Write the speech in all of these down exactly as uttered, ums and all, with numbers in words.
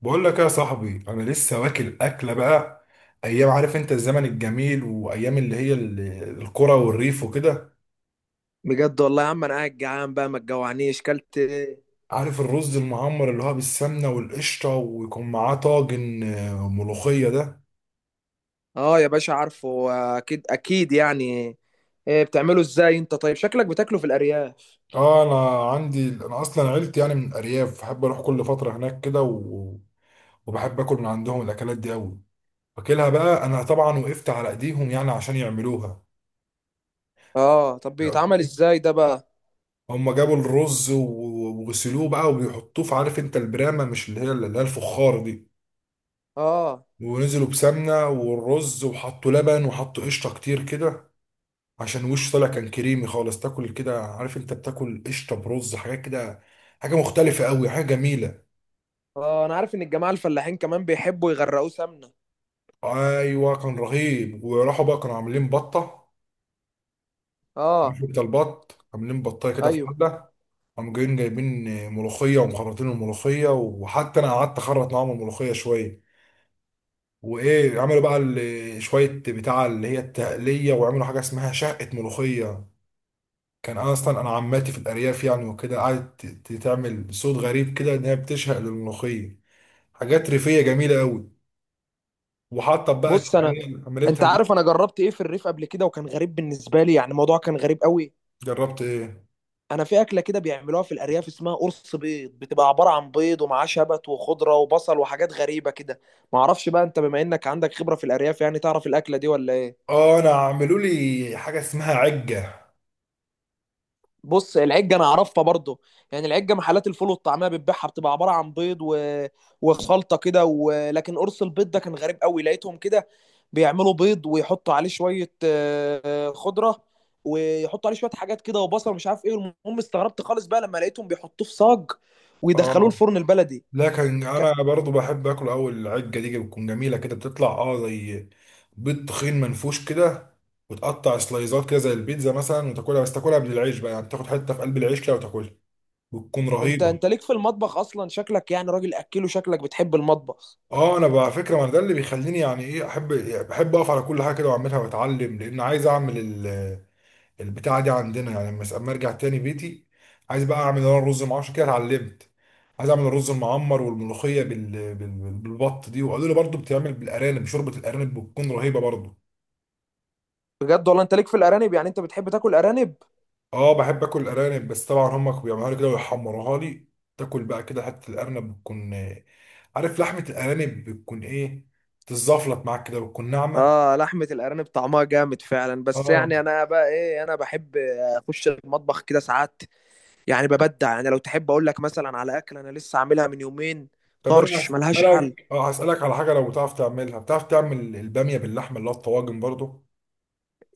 بقول لك يا صاحبي، انا لسه واكل اكله بقى ايام. عارف انت الزمن الجميل وايام اللي هي ال- القرى والريف وكده. بجد والله يا عم، انا قاعد جعان بقى، ما تجوعنيش. كلت إيه؟ عارف الرز المعمر اللي هو بالسمنه والقشطه، ويكون معاه طاجن آه، ملوخيه ده. اه يا باشا، عارفه. اكيد اكيد، يعني إيه بتعمله ازاي انت؟ طيب شكلك بتاكله في الارياف. اه انا عندي، انا اصلا عيلتي يعني من الارياف، بحب اروح كل فتره هناك كده و... وبحب اكل من عندهم الاكلات دي قوي. واكلها بقى انا طبعا، وقفت على ايديهم يعني عشان يعملوها. اه، طب بيتعمل ازاي ده بقى؟ هم جابوا الرز و- وغسلوه بقى وبيحطوه في، عارف انت، البرامه، مش اللي هي اللي هي الفخار دي. اه ونزلوا بسمنه والرز، وحطوا لبن وحطوا قشطه كتير كده عشان وشه طالع كان كريمي خالص. تاكل كده، عارف انت، بتاكل قشطه برز، حاجات كده، حاجه مختلفه قوي، حاجه جميله. اه انا عارف ان الجماعه الفلاحين كمان بيحبوا يغرقوه سمنه. ايوه كان رهيب. وراحوا بقى كانوا عاملين بطه. اه، عارف انت البط عاملين بطايه كده في ايوه. حله. قاموا جايين جايبين ملوخيه، ومخرطين الملوخيه، وحتى انا قعدت اخرط معاهم الملوخيه شويه. وايه، عملوا بقى ال- شويه بتاع اللي هي التقليه، وعملوا حاجه اسمها شقه ملوخيه. كان اصلا انا عماتي في الارياف يعني وكده، قعدت ت- تعمل صوت غريب كده ان هي بتشهق للملوخيه. حاجات ريفيه جميله قوي. وحاطه بقى بص، انا التقليه اللي انت عملتها دي. عارف انا جربت ايه في الريف قبل كده؟ وكان غريب بالنسبه لي، يعني الموضوع كان غريب قوي. جربت ايه؟ انا في اكله كده بيعملوها في الارياف اسمها قرص بيض، بتبقى عباره عن بيض ومعاه شبت وخضره وبصل وحاجات غريبه كده. ما اعرفش بقى، انت بما انك عندك خبره في الارياف، يعني تعرف الاكله دي ولا ايه؟ اه انا عملوا لي حاجه اسمها عجه. بص، العجه انا اعرفها برضو. يعني العجه محلات الفول والطعميه بتبيعها، بتبقى عباره عن بيض و... وخلطه كده و... لكن قرص البيض ده كان غريب قوي، لقيتهم كده بيعملوا بيض ويحطوا عليه شويه آه، آه، خضره، ويحطوا عليه شويه حاجات كده وبصل ومش عارف ايه. المهم استغربت خالص بقى لما لقيتهم بيحطوه في صاج ويدخلوه اه الفرن البلدي. لكن ك... انا برضو بحب اكل. اول، العجه دي بتكون جميله كده، بتطلع اه زي بيض تخين منفوش كده. وتقطع سلايزات كده زي البيتزا مثلا، وتاكلها، بس تاكلها من العيش بقى، يعني تاخد حته في قلب العيش كده وتاكلها. بتكون انت رهيبه. انت ليك في المطبخ اصلا، شكلك يعني راجل اكله، شكلك بتحب المطبخ. اه انا بقى على فكره، ما أنا ده اللي بيخليني يعني ايه احب. بحب اقف على كل حاجه كده واعملها واتعلم، لان عايز اعمل البتاعة دي عندنا يعني لما، اما ارجع تاني بيتي عايز بقى اعمل انا الرز، مع عشان كده اتعلمت. عايز اعمل الرز المعمر، والملوخية بال... بال... بالبط دي. وقالوا لي برضو بتعمل بالارانب، شوربة الارانب بتكون رهيبة برضو. بجد والله، انت ليك في الارانب؟ يعني انت بتحب تاكل ارانب؟ اه بحب اكل الارانب، بس طبعا هم بيعملوها لي كده ويحمروها لي. تاكل بقى كده حتة الارنب بتكون آه، عارف لحمة الارانب بتكون ايه، تتزفلط معاك كده، بتكون ناعمة. اه، لحمة الارانب طعمها جامد فعلا. بس اه يعني انا بقى ايه، انا بحب اخش المطبخ كده ساعات. يعني ببدع يعني، لو تحب اقول لك مثلا على اكل انا لسه عاملها من يومين. طب انا طرش ملهاش حل، هسألك، اه هسألك على حاجة لو بتعرف تعملها. بتعرف تعمل البامية باللحمة اللي هو الطواجن برضو؟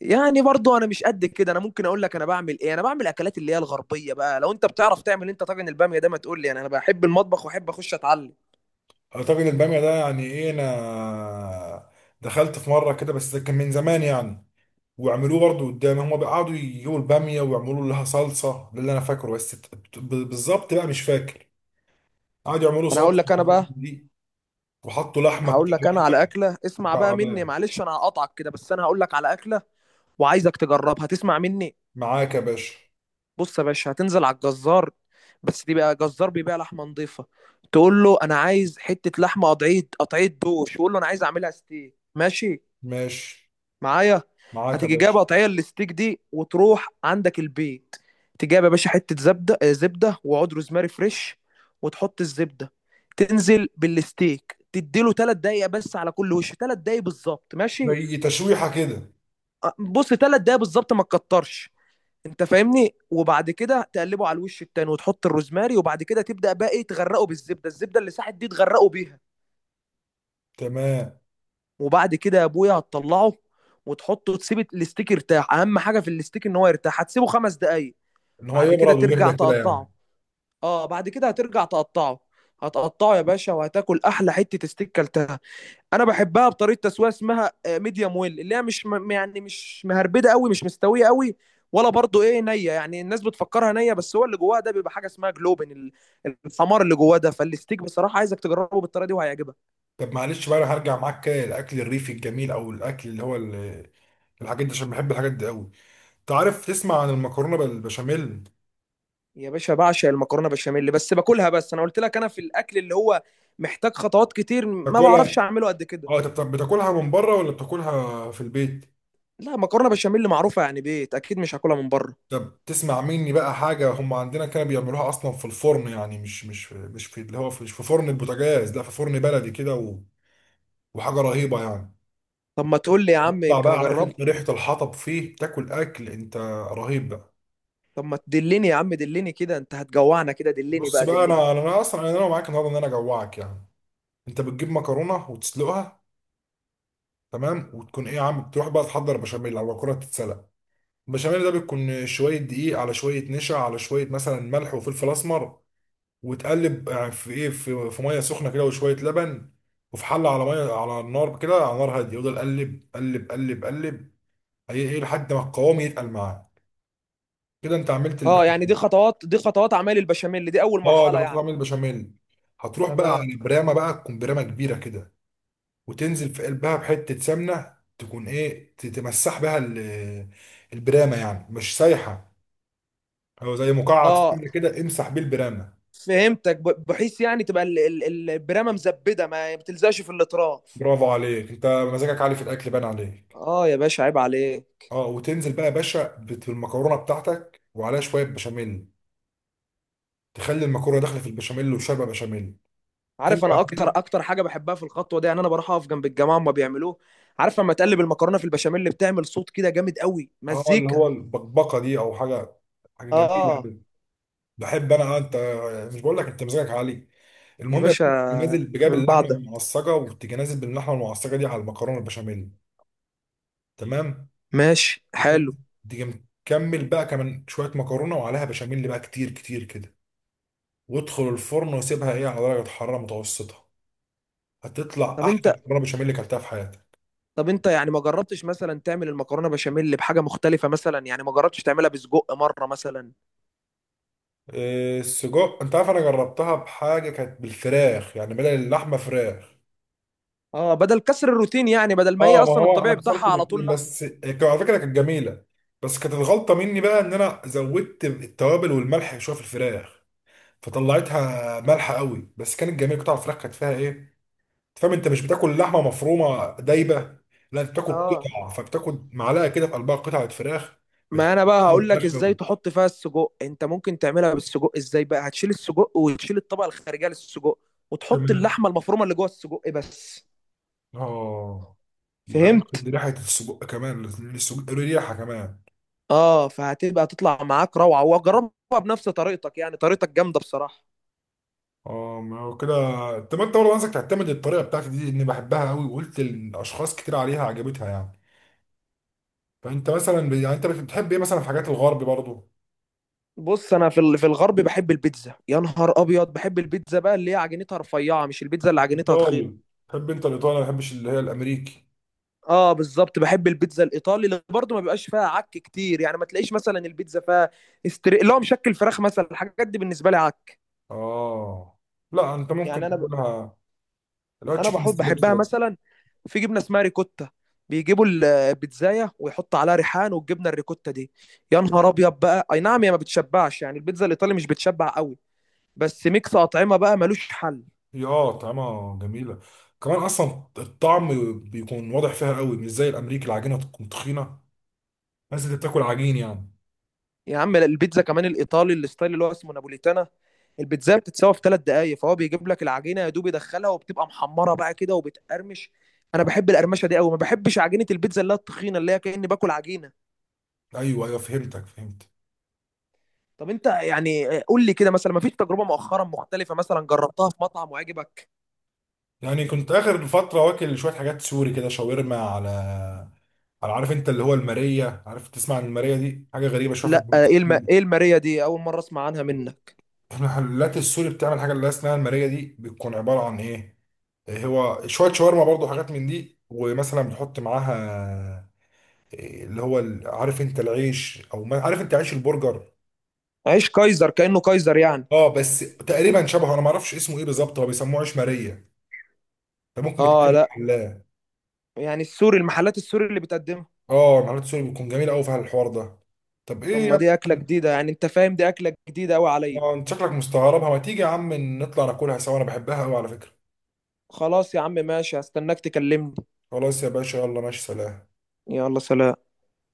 يعني برضو انا مش قد كده. انا ممكن اقول لك انا بعمل ايه. انا بعمل اكلات اللي هي الغربية بقى. لو انت بتعرف تعمل انت طاجن البامية ده ما تقول لي، يعني انا بحب المطبخ واحب اخش اتعلم. اعتقد البامية ده، يعني ايه، انا دخلت في مرة كده بس ده كان من زمان يعني. وعملوه برضه قدامي. هما بيقعدوا يجيبوا البامية ويعملوا لها صلصة، ده اللي انا فاكره، بس ت- ت- ب- بالظبط بقى مش فاكر. قعدوا يعملوا انا هقول صلصة لك، انا وحاجات من بقى دي، وحطوا لحمة، قطع هقول لك انا لحمة على اكله. اسمع بقى مني، مكعبات. معلش انا هقطعك كده، بس انا هقول لك على اكله وعايزك تجربها. هتسمع مني. معاك يا باشا. بص يا باشا، هتنزل على الجزار، بس دي بقى جزار بيبيع لحمه نظيفه. تقول له انا عايز حته لحمه قطعيه قطعيه دوش، وقول له انا عايز اعملها ستيك. ماشي ماشي. معايا؟ معاك يا هتيجي جايب باشا. قطعيه الستيك دي وتروح عندك البيت، تجيب يا باشا حته زبده آه، زبده وعود روزماري فريش. وتحط الزبده، تنزل بالستيك، تديله ثلاث دقايق بس على كل وش، ثلاث دقايق بالظبط. ماشي؟ زي تشويحة كده. بص، ثلاث دقايق بالظبط، ما تكترش، انت فاهمني. وبعد كده تقلبه على الوش التاني وتحط الروزماري. وبعد كده تبدا بقى ايه، تغرقه بالزبده، الزبده اللي ساحت دي تغرقه بيها. تمام. وبعد كده يا ابويا هتطلعه وتحطه، تسيب الاستيك يرتاح. اهم حاجه في الاستيك ان هو يرتاح، هتسيبه خمس دقايق. ان هو بعد كده يبرد ترجع ويهدى كده يعني. تقطعه. اه، بعد كده هترجع تقطعه. هتقطعه يا باشا، وهتاكل احلى حته استيك كلتها. انا بحبها بطريقه تسويه اسمها ميديوم ويل، اللي هي مش م- يعني مش مهربده قوي، مش مستويه قوي، ولا برضو ايه نيه. يعني الناس بتفكرها نيه، بس هو اللي جواها ده بيبقى حاجه اسمها جلوبن ال- الحمار اللي جواه ده، فالستيك بصراحه عايزك تجربه بالطريقه دي، وهيعجبك. طب معلش بقى، انا هرجع معاك كده للاكل الريفي الجميل، او الاكل اللي هو ال- الحاجات دي، عشان بحب الحاجات دي قوي. تعرف، تسمع عن المكرونه بالبشاميل؟ يا باشا، بعشق المكرونه بشاميل بس باكلها. بس انا قلت لك انا في الاكل اللي هو محتاج خطوات كتير، ما بعرفش تاكلها؟ اعمله قد كده. اه انت بتا- بتاكلها من بره ولا بتاكلها في البيت؟ لا، مكرونه بشاميل معروفه يعني، بيت اكيد مش هاكلها من بره. طب تسمع مني بقى حاجه. هم عندنا كانوا بيعملوها اصلا في الفرن يعني، مش مش في مش في اللي هو في- مش في فرن البوتاجاز، لا في فرن بلدي كده و... وحاجه رهيبه يعني. طب ما تقول لي يا عم، تطلع يمكن بقى، عارف انت اجربها. ريحه الحطب فيه، تاكل اكل انت رهيب بقى. طب ما تدلني يا عم، دلني كده، انت هتجوعنا كده، دلني بص بقى بقى دلني. انا انا أنا اصلا انا معاك النهارده ان انا اجوعك يعني. انت بتجيب مكرونه وتسلقها. تمام. وتكون ايه، يا عم، بتروح بقى تحضر بشاميل، او مكرونه تتسلق. البشاميل ده بيكون شوية دقيق، على شوية نشا، على شوية مثلا ملح وفلفل أسمر. وتقلب يعني في، إيه، في, في مية سخنة كده وشوية لبن. وفي حلة على مية على النار كده، على نار هادية، يفضل قلب قلب قلب قلب إيه إيه لحد ما القوام يتقل معاه. كده أنت عملت اه، يعني البشاميل. دي خطوات، دي خطوات اعمال البشاميل دي، اول أه ده مرحله كنت يعني. عامل البشاميل. هتروح بقى تمام. على برامة، بقى تكون برامة كبيرة كده. وتنزل في قلبها بحتة سمنة، تكون إيه، ت- تمسح بها ال- البرامة، يعني مش سايحة، هو زي مكعب اه، سمنة كده، امسح بيه البرامة. فهمتك، ب- بحيث يعني تبقى ال- ال- البرامه مزبده ما بتلزقش في الاطراف. برافو عليك، انت مزاجك عالي في الاكل، باين عليك. اه يا باشا، عيب عليك. اه، وتنزل بقى يا باشا بت- بالمكرونه بتاعتك، وعليها شويه بشاميل. تخلي المكرونه داخله في البشاميل وشاربه بشاميل. تنزل عارف، انا اكتر عليها. اكتر حاجه بحبها في الخطوه دي، يعني انا بروح اقف جنب الجماعه وما بيعملوه. عارف لما تقلب المكرونه في البشاميل، اللي بتعمل صوت كده جامد قوي، اه اللي مزيكا. هو البقبقه دي او حاجه، حاجه جميله اه قوي. بحب انا آه، انت، مش بقول لك انت مزاجك عالي. يا المهم يا باشا، باشا، تيجي نازل بجاب من اللحمه بعدها. المعصجه، وتيجي نازل باللحمه المعصجه دي على المكرونه البشاميل. تمام. ماشي، حلو. وتنزل. تيجي مكمل بقى كمان شويه مكرونه، وعليها بشاميل بقى كتير كتير كده. وادخل الفرن، وسيبها ايه على درجه حراره متوسطه. هتطلع طب احلى انت مكرونه بشاميل اللي اكلتها في حياتك. طب انت يعني ما جربتش مثلا تعمل المكرونه بشاميل بحاجه مختلفه مثلا؟ يعني ما جربتش تعملها بسجق مره مثلا؟ إيه، السجق، انت عارف انا جربتها بحاجه كانت بالفراخ، يعني بدل اللحمه فراخ. اه، بدل كسر الروتين، يعني بدل ما هي اه ما اصلا هو انا الطبيعي بتاعها كسرت على طول الاثنين، لحمه. بس هي على فكره كانت جميله. بس كانت الغلطه مني بقى ان انا زودت التوابل والملح شويه في الفراخ، فطلعتها مالحه قوي. بس كانت جميله، قطع الفراخ كانت فيها ايه، فاهم، انت مش بتاكل لحمه مفرومه دايبه، لا انت بتاكل اه، قطع، فبتاكل معلقه كده في قلبها قطعه فراخ. بتحس ما انا بقى طعم هقول لك الفراخ ازاي قوي. تحط فيها السجق. انت ممكن تعملها بالسجق ازاي بقى؟ هتشيل السجق وتشيل الطبقه الخارجيه للسجق، وتحط تمام. اللحمه المفرومه اللي جوه السجق بس. اه، يبقى فهمت. دي ريحه السجق كمان، السجق له ريحه كمان. اه، فهتبقى تطلع معاك روعه، وجربها بنفس طريقتك. يعني طريقتك جامده بصراحه. اه، ما هو كده. طب انت برضه، عايزك تعتمد الطريقه بتاعتي دي، اني بحبها قوي وقلت الاشخاص كتير عليها عجبتها يعني. فانت مثلا ب- يعني انت بتحب ايه مثلا في حاجات الغرب برضه؟ بص انا في ال- في الغرب بحب البيتزا. يا نهار ابيض، بحب البيتزا بقى اللي هي عجينتها رفيعه، مش البيتزا اللي عجينتها تخينه. ايطالي؟ تحب انت الايطالي، ما بحبش اللي هي الامريكي. اه، بالظبط بحب البيتزا الايطالي، اللي برضه ما بيبقاش فيها عك كتير. يعني ما تلاقيش مثلا البيتزا فيها استري... اللي هو مشكل فراخ مثلا. الحاجات دي بالنسبه لي عك. اه لا انت يعني انا ممكن ب... تقولها، اللي هو انا تشيكن بحب ستريبس بحبها ده. مثلا في جبنه اسمها ريكوتا، بيجيبوا ال- البيتزايه ويحطوا عليها ريحان والجبنه الريكوتا دي. يا نهار ابيض بقى. اي نعم، هي ما بتشبعش يعني، البيتزا الايطالي مش بتشبع قوي، بس ميكس اطعمه بقى ملوش حل. هي اه طعمها جميله. كمان اصلا الطعم بيكون واضح فيها قوي، مش زي الامريكي العجينه تكون تخينه، بس انت بتاكل عجين يعني. يا عم، البيتزا كمان الايطالي الستايل اللي هو اسمه نابوليتانا، البيتزا بتتسوى في ثلاث دقايق، فهو بيجيب لك العجينه يا دوب يدخلها وبتبقى محمره بقى كده وبتقرمش. انا آه. بحب القرمشه دي قوي. ما بحبش عجينه البيتزا اللي هي التخينه، اللي هي كاني باكل عجينه. ايوه ايوه فهمتك، فهمت. طب انت يعني آه، قول لي كده، مثلا ما فيش تجربه مؤخرا مختلفه مثلا جربتها في مطعم وعجبك؟ يعني كنت اخر فتره واكل شويه حاجات سوري كده، شاورما، على على، عارف انت اللي هو الماريه. عارف، تسمع عن الماريه دي؟ حاجه غريبه شويه في لا البيوت آه، ايه الم... السوري. ايه الماريا دي، اول مره اسمع عنها منك. المحلات السوري بتعمل حاجه اللي اسمها الماريه دي، بتكون عباره عن ايه، هو شويه شاورما برضو حاجات من دي، ومثلا بتحط معاها إيه، اللي هو ال- عارف انت العيش، او ما، عارف انت عيش البرجر. عيش كايزر، كانه كايزر يعني. اه بس تقريبا شبهه، انا ما اعرفش اسمه ايه بالظبط، هو بيسموه عيش ماريه ده. ممكن بتلاقي في اه، لا المحلات. يعني السوري، المحلات السوري اللي بتقدمها. اه المحلات السوري بتكون جميله قوي في الحوار ده. طب طب ايه ما يا دي اكله ابني، جديده يعني، انت فاهم دي اكله جديده قوي عليا. آه، انت شكلك مستغربها. ما تيجي يا عم نطلع ناكلها سوا، انا بحبها قوي على فكره. خلاص يا عم، ماشي، هستناك تكلمني. خلاص يا باشا، يلا ماشي، سلام. يلا، سلام.